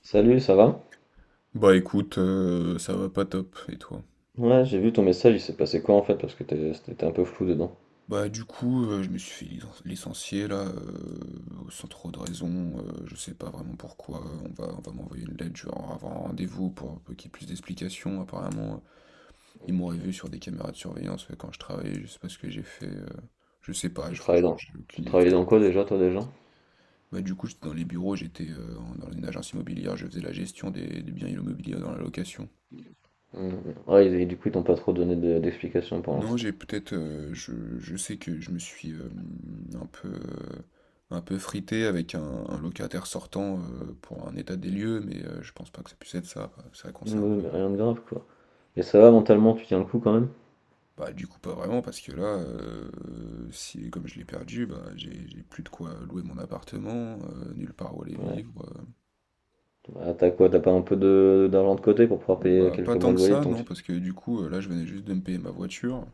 Salut, ça va? Bah écoute, ça va pas top, et toi? Ouais, j'ai vu ton message, il s'est passé quoi en fait? Parce que t'étais un peu flou dedans. Bah du coup, je me suis fait licencier là, sans trop de raison, je sais pas vraiment pourquoi, on va m'envoyer une lettre, je vais avoir un rendez-vous pour qu'il y ait plus d'explications. Apparemment, ils m'auraient vu sur des caméras de surveillance, quand je travaillais, je sais pas ce que j'ai fait, je sais pas, Tu je travailles franchement, dans, j'ai tu aucune idée de ce travaillais que j'ai dans pu quoi faire. déjà, toi déjà? Bah du coup, j'étais dans les bureaux, j'étais, en dans une agence immobilière, je faisais la gestion des biens immobiliers dans la location. Ouais, du coup, ils t'ont pas trop donné d'explications pour Non, l'instant. j'ai peut-être, je sais que je me suis, un peu, heu, un peu frité avec un locataire sortant, pour un état des lieux, mais, je pense pas que ça puisse être ça. C'est vrai qu'on Ouais, s'est un peu... mais rien de grave, quoi. Et ça va mentalement, tu tiens le coup quand même? Bah du coup, pas vraiment parce que là, si comme je l'ai perdu, bah, j'ai plus de quoi louer mon appartement, nulle part où aller Ouais. vivre, Bah, t'as quoi? T'as pas un peu de d'argent de côté pour pouvoir payer bah, quelques pas mois tant de que loyer le ça, temps que non, tu. parce que du coup, là, je venais juste de me payer ma voiture,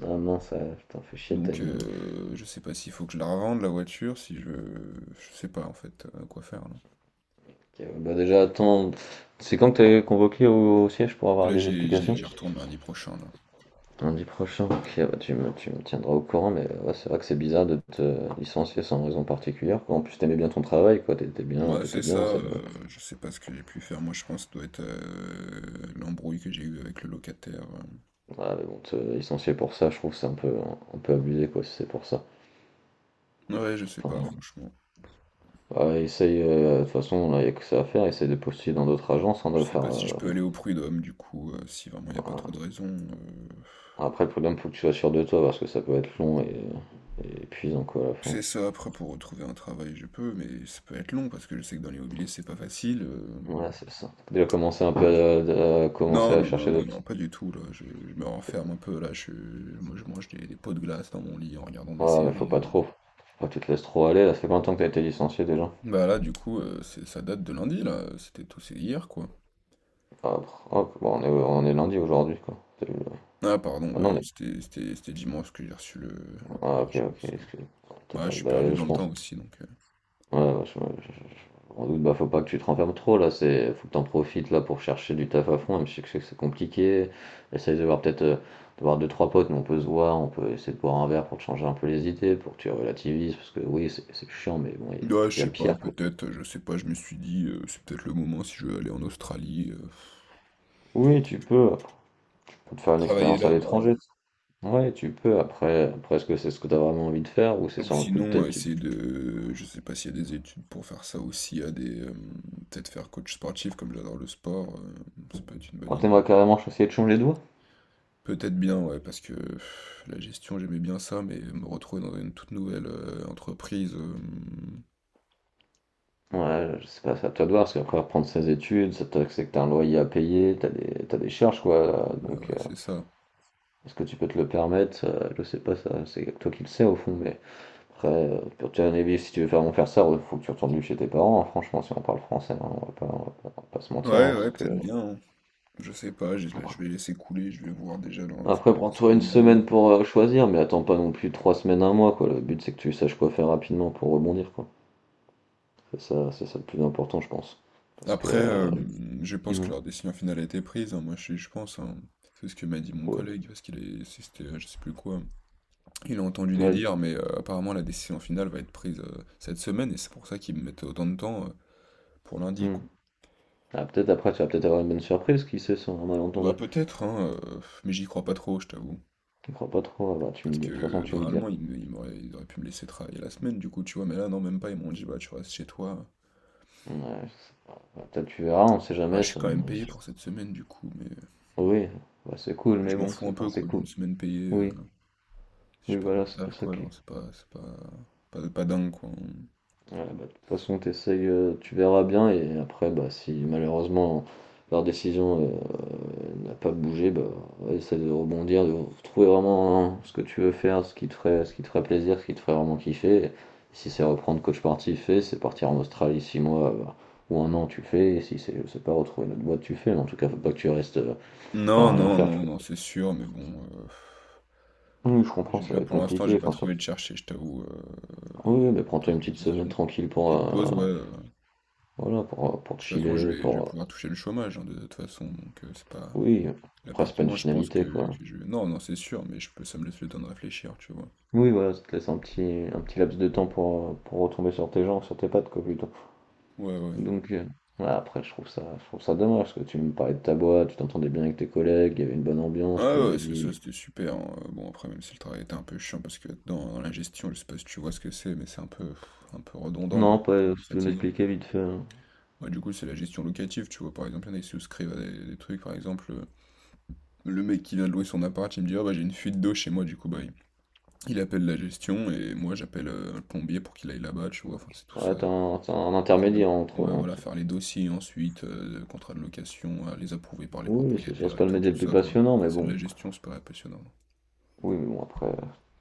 Ah mince, ça putain, fait chier le donc, timing. Je sais pas s'il faut que je la revende la voiture, si je je sais pas, en fait, quoi faire. Ok, bah déjà, attends, c'est quand que t'es convoqué au siège pour avoir Là, des explications? j'y retourne lundi prochain, là. Lundi prochain, ok, ouais, tu me tiendras au courant, mais ouais, c'est vrai que c'est bizarre de te licencier sans raison particulière, quoi. En plus, t'aimais bien ton travail, quoi, Ouais, t'étais c'est ça, bien, c'est... Mm. Je sais pas ce que j'ai pu faire. Moi, je pense que ça doit être l'embrouille que j'ai eue avec le locataire. Ouais, mais bon, te licencier pour ça, je trouve que c'est un peu abusé, quoi, si c'est pour ça. Ouais, je sais pas, Enfin, franchement. ouais, essaye, de toute façon, là, il n'y a que ça à faire, essaye de postuler dans d'autres agences, hein, Je de sais faire... pas si je peux aller au prud'homme, du coup, si vraiment il n'y a pas trop voilà. de raison. Après, le problème, faut que tu sois sûr de toi, parce que ça peut être long et épuisant, quoi, à la fin. C'est ça, après, pour retrouver un travail, je peux, mais ça peut être long, parce que je sais que dans l'immobilier, c'est pas facile. Ouais, c'est ça. Déjà commencer un peu à commencer Non, à non, non, chercher non, d'autres. non, pas du tout, là. Je me renferme un peu, là. Je, moi, je mange des pots de glace dans mon lit en regardant des Ouais, mais faut séries. pas trop. Faut pas que tu te laisses trop aller. Là, ça fait combien de temps que t'as été licencié déjà? Bah là, du coup, c'est ça date de lundi, là, c'est hier, quoi. Hop, hop. Bon, on est lundi aujourd'hui, quoi. T'as eu, euh, Ah pardon, Ah bah, non, on est... c'était dimanche que j'ai reçu le Ah, courrier, ok, je ok, pense, excuse. T'as Ouais, pas- je suis perdu Bah, dans je le temps pense. aussi, donc Ouais, ouais, je m'en doute. Bah, faut pas que tu te renfermes trop, là. C'est... Faut que t'en profites, là, pour chercher du taf à fond. Même si je sais que c'est compliqué. Essaye de voir peut-être... de voir deux, trois potes, mais on peut se voir. On peut essayer de boire un verre pour te changer un peu les idées, pour que tu relativises. Parce que oui, c'est chiant, mais bon, Ouais, je il y a sais pas, pire, quoi. peut-être, je sais pas, je me suis dit, «C'est peut-être le moment si je veux aller en Australie, Oui, tu peux. Faut te faire une travailler expérience à là-bas», l'étranger. Ouais, tu peux. Après, est-ce que c'est ce que t'as vraiment envie de faire ou c'est ou sur un coup de sinon, tête tu... essayer de... Je sais pas s'il y a des études pour faire ça aussi, à des, hem peut-être faire coach sportif comme j'adore le sport, ça peut être une bonne Oh, idée. t'aimerais carrément essayer de changer de voie? Peut-être bien, ouais, parce que pff, la gestion, j'aimais bien ça, mais me retrouver dans une toute nouvelle entreprise, Ouais, je sais pas, ça à toi de voir, parce qu'après reprendre ses études, c'est que t'as un loyer à payer, t'as des charges, quoi. Donc, ouais, c'est ça. est-ce que tu peux te le permettre? Je sais pas, ça, c'est toi qui le sais au fond, mais après, pour te donner vivre, si tu veux vraiment faire ça, il faut que tu retournes vivre chez tes parents, hein, franchement, si on parle français, hein, on va pas, on va pas, on va pas se mentir, Ouais, hein, parce ouais, que. peut-être bien, hein. Je sais pas, je vais laisser couler, je vais voir déjà leur offre Après, de prends-toi discours une semaine lundi. pour choisir, mais attends pas non plus trois semaines, un mois, quoi. Le but, c'est que tu saches quoi faire rapidement pour rebondir, quoi. C'est ça le plus important, je pense. Parce que, Après, je pense que effectivement. leur décision finale a été prise, hein, moi je pense. Hein. C'est ce que m'a dit mon Ouais. collègue, parce qu'il est, c'était, je sais plus quoi. Il a entendu les Ouais, dire, mais apparemment la décision finale va être prise cette semaine, et c'est pour ça qu'ils me mettent autant de temps pour lundi, hmm. quoi. Ah, peut-être après, tu vas peut-être avoir une bonne surprise, qui sait, sans un Bah malentendu. peut-être, hein, mais j'y crois pas trop, je t'avoue. Tu crois pas trop, ah bah, tu me Parce dis, de toute façon, que tu me diras. normalement, ils auraient pu me laisser travailler la semaine du coup, tu vois? Mais là, non, même pas, ils m'ont dit: «Bah, tu restes chez toi». Ouais, je. Bah, peut-être tu verras, on sait Bah, jamais. je suis quand même payé ça- pour cette semaine du coup, Oui, bah, c'est cool, mais mais je m'en bon, fous c'est... un enfin, peu c'est quoi, d'une cool. semaine payée, Oui, si je oui, perds voilà, mon c'est pas taf ça quoi, qui. non, c'est pas pas pas dingue quoi, hein. Ouais, bah, de toute façon, t'essayes, tu verras bien, et après, bah, si malheureusement leur décision n'a pas bougé, bah, ouais, essaie de rebondir, de trouver vraiment, hein, ce que tu veux faire, ce qui te ferait, plaisir, ce qui te ferait vraiment kiffer. Et si c'est reprendre coach sportif, et c'est partir en Australie 6 mois, bah, ou un an, tu le fais. Et si c'est, je sais pas, retrouver notre boîte, tu le fais. Mais en tout cas, faut pas que tu restes, enfin, Non, à rien non, faire, tu non, non, c'est sûr, mais bon, vois. Oui, je comprends, j'ai ça là va être pour l'instant, j'ai compliqué. pas Enfin, trop envie surtout. de chercher, je t'avoue, Oui, mais me prends-toi poser une des petite semaine questions. tranquille pour, Petite pause, ouais, de voilà, pour te toute façon, je chiller, vais je vais pour. pouvoir toucher le chômage, hein, de toute façon, donc c'est pas... Oui, après c'est pas une L'appartement, je pense finalité, quoi. que je... Non, non, c'est sûr, mais je peux, ça me laisse le temps de réfléchir, tu vois. Oui voilà, ça te laisse un petit laps de temps pour retomber sur tes jambes, sur tes pattes, quoi, plutôt. Ouais, ouais. Donc voilà, après je trouve ça dommage parce que tu me parlais de ta boîte, tu t'entendais bien avec tes collègues, il y avait une bonne ambiance, tu Ah ouais, ouais, m'avais c'est ça, dit. c'était super. Hein. Bon, après, même si le travail était un peu chiant, parce que dans la gestion, je sais pas si tu vois ce que c'est, mais c'est un peu, pff, un peu redondant Non, et un après, peu si tu veux fatigant. m'expliquer vite fait, hein. Ouais, du coup, c'est la gestion locative, tu vois. Par exemple, il y en a qui souscrivent à des trucs, par exemple, le mec qui vient de louer son appart, il me dit, ah bah j'ai une fuite d'eau chez moi, du coup, bah, il appelle la gestion, et moi, j'appelle un plombier pour qu'il aille là-bas, tu vois. Enfin, c'est tout Voilà, ça. T'as un intermédiaire entre, Ouais, voilà, entre. faire les dossiers ensuite, de contrats de location, les approuver par les Oui, oui, c'est sûr, c'est propriétaires et pas le tout, métier tout le plus ça, quoi. passionnant, mais C'est de bon. la gestion, c'est pas passionnant. Oui, mais bon, après,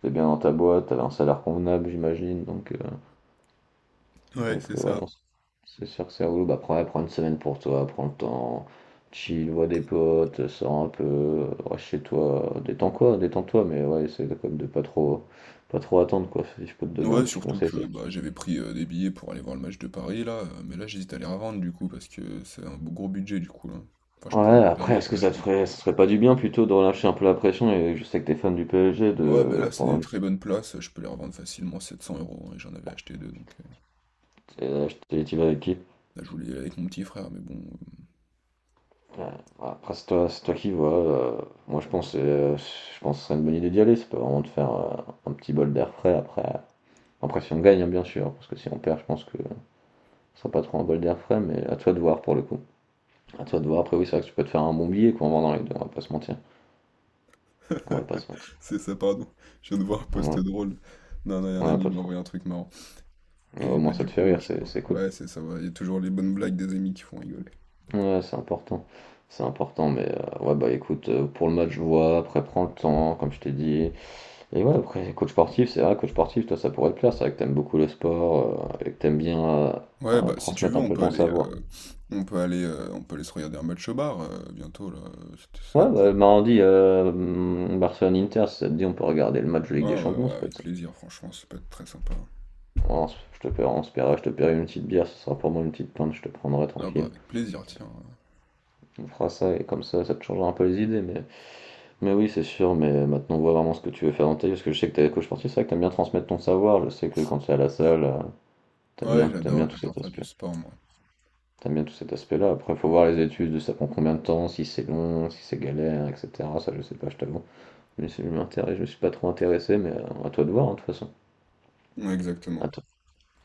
t'es bien dans ta boîte, t'avais un salaire convenable, j'imagine, donc. Ouais, Donc c'est ouais, ça. non, c'est sûr que c'est relou. Bah, prends, ouais, prends une semaine pour toi, prends le temps, chill, vois des potes, sors un peu, reste chez toi, détends, quoi, détends-toi, mais ouais, essaie de comme de pas trop, pas trop attendre, quoi, si je peux te donner un Ouais, petit surtout conseil. que Ça. bah, j'avais pris des billets pour aller voir le match de Paris, là, mais là j'hésite à les revendre, du coup, parce que c'est un gros budget, du coup, là. Enfin, je peux me Ouais, le après, est-ce permettre, que là, je ça te peux... ferait, pas du bien plutôt de relâcher un peu la pression, et je sais que t'es fan du PSG, Ouais, mais de, là, c'est pendant des une... très bonnes places, je peux les revendre facilement 700 euros, hein, et j'en avais acheté deux, donc... je t'ai dit, tu vas avec qui? là, je voulais y aller avec mon petit frère, mais bon... Ouais, après, c'est toi qui vois. euh, moi, je pense que ce serait une bonne idée d'y aller. Ça peut vraiment te faire un petit bol d'air frais après. Après, si on gagne, hein, bien sûr, parce que si on perd, je pense que ce sera pas trop un bol d'air frais, mais à toi de voir pour le coup. À toi de voir. Après, oui, c'est vrai que tu peux te faire un bon billet, quoi, en vendant les deux, on va pas se mentir. euh, On va pas se mentir. C'est ça, pardon. Je viens de voir un post Ouais, drôle. Non, non, un ouais, ami pas m'a trop. envoyé un truc marrant. Ouais, au Et bah moins, ça du te fait coup, ouais, rire, je c'est vois. c'est cool. Ouais, c'est ça va. Il y a toujours les bonnes blagues des amis qui font rigoler. Ouais, c'est important. C'est important, mais ouais, bah écoute, pour le match, je vois, après, prends le temps, comme je t'ai dit. Et ouais, après, coach sportif, c'est vrai, coach sportif, toi, ça pourrait te plaire, c'est vrai que t'aimes beaucoup le sport, et que t'aimes bien euh, Ouais, bah si tu transmettre veux, un peu ton savoir. On peut aller se regarder un match au bar bientôt là. Si t- ça Ouais, te dit? bah, mardi, Barcelone-Inter, si ça te dit, on peut regarder le match de Ligue Ouais, des ouais, ouais, Champions, ça peut avec être ça. plaisir. Franchement, ça peut être très sympa. Je te paierai, je te paierai une petite bière, ce sera pour moi une petite pinte, je te prendrai Ah bah tranquille. avec plaisir, tiens. On fera ça et comme ça te changera un peu les idées. Mais oui, c'est sûr, mais maintenant on voit vraiment ce que tu veux faire dans ta vie, parce que je sais que t'es coach sportif, c'est vrai que t'aimes bien transmettre ton savoir, je sais que quand t'es à la salle, Ouais, t'aimes ouais, bien, j'adore, tout j'adore cet faire du aspect. sport moi. T'aimes bien tout cet aspect-là. Après, faut voir les études, ça prend combien de temps, si c'est long, si c'est galère, etc. Ça, je sais pas, je t'avoue. Mais ça je m'intéresse, je me suis pas trop intéressé, mais à toi de voir, hein, de toute façon. Ouais, exactement. À toi,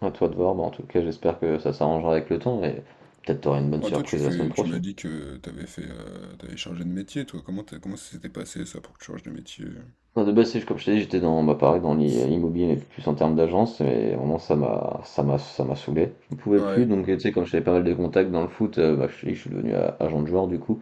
à toi de voir. Bah, en tout cas, j'espère que ça s'arrangera avec le temps et peut-être t'auras une bonne Ouais, toi, tu surprise la semaine fais, tu m'as prochaine. dit que t'avais fait, t'avais changé de métier, toi. Comment ça s'était passé ça pour que tu changes de métier? Non, de base, c'est comme je t'ai dit, j'étais dans, bah, pareil, dans l'immobilier, mais plus en termes d'agence, et vraiment, ça m'a saoulé. Je ne pouvais plus, Ouais. donc, tu sais, comme j'avais pas mal de contacts dans le foot, bah, je suis devenu agent de joueur, du coup.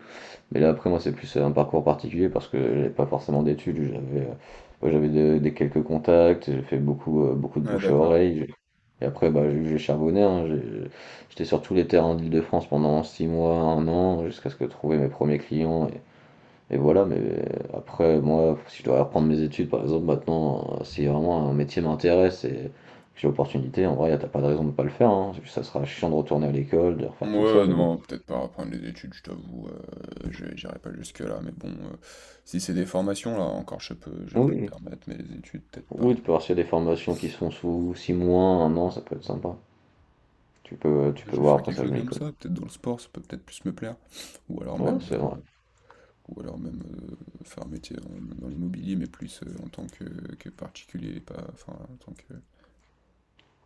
Mais là, après, moi, c'est plus un parcours particulier parce que j'avais pas forcément d'études. J'avais ouais, j'avais des quelques contacts, j'ai fait beaucoup, beaucoup de Ouais, bouche à d'accord. oreille. J'ai. Et après, bah, j'ai charbonné, hein, j'ai. J'étais sur tous les terrains d'Île-de-France pendant 6 mois, un an, jusqu'à ce que trouver mes premiers clients. Et voilà, mais après, moi, si je dois reprendre mes études, par exemple, maintenant, si vraiment un métier m'intéresse et que j'ai l'opportunité, en vrai, t'as pas de raison de pas le faire, hein. Ça sera chiant de retourner à l'école, de refaire tout ça, Ouais, mais bon. non, peut-être pas reprendre les études, je t'avoue, j'irai pas jusque-là, mais bon, si c'est des formations, là, encore, je peux me Oui, permettre, mais les études, peut-être pas. oui, tu peux voir s'il y a des formations qui sont sous 6 mois, un an, ça peut être sympa. Tu Ouais, peux je vais voir, faire après quelque ça je chose m'y comme connais. ça, peut-être dans le sport, ça peut peut-être plus me plaire, ou alors Ouais, même, c'est vrai. Faire un métier dans l'immobilier, mais plus en tant que, que particulier, pas, enfin, en tant que,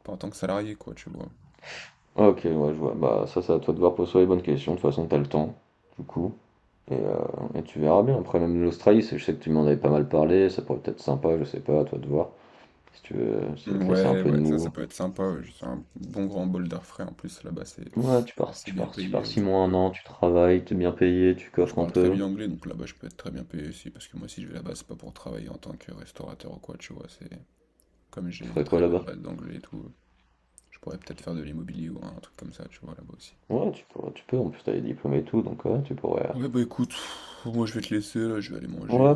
pas en tant que salarié, quoi, tu vois. Ah, ok, ouais, je vois. Bah ça, c'est à toi de voir, pose-toi les bonnes questions, de toute façon t'as le temps, du coup. Et, euh, et tu verras bien. Après, même l'Australie, c'est je sais que tu m'en avais pas mal parlé, ça pourrait peut-être sympa, je sais pas, à toi de voir. Si tu veux, te laisser un Ouais, peu de ouais, ça mou. peut être sympa, ouais, juste un bon grand bol d'air frais, en plus, là-bas, c'est Ouais, assez bien tu pars payé. 6 mois, un an, tu travailles, t'es bien payé, tu Je coffres un parle très peu. bien anglais, donc là-bas je peux être très bien payé aussi, parce que moi si je vais là-bas, c'est pas pour travailler en tant que restaurateur ou quoi, tu vois, c'est comme j'ai Tu une ferais quoi très bonne là-bas? base d'anglais et tout, je pourrais peut-être faire de l'immobilier ou un truc comme ça, tu vois, là-bas aussi. Ouais, tu pourrais, tu peux, en plus t'as les diplômes et tout, donc ouais, tu pourrais. Ouais, bah écoute, moi je vais te laisser, là, je vais aller manger, Ouais,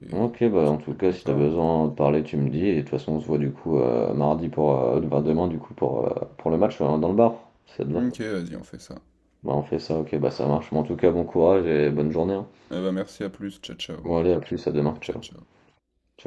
et ok, on bah se en tout rappelle cas, plus si t'as tard. besoin de parler, tu me dis. Et de toute façon, on se voit du coup mardi pour. Enfin, demain du coup pour le match dans le bar, si ça te va. Hein. Ok, vas-y, on fait ça. Bah on fait ça, ok, bah ça marche. Mais en tout cas, bon courage et bonne journée, hein. Eh bah merci, à plus, ciao ciao. Bon allez, à plus, à demain, Ciao ciao. Ciao. ciao.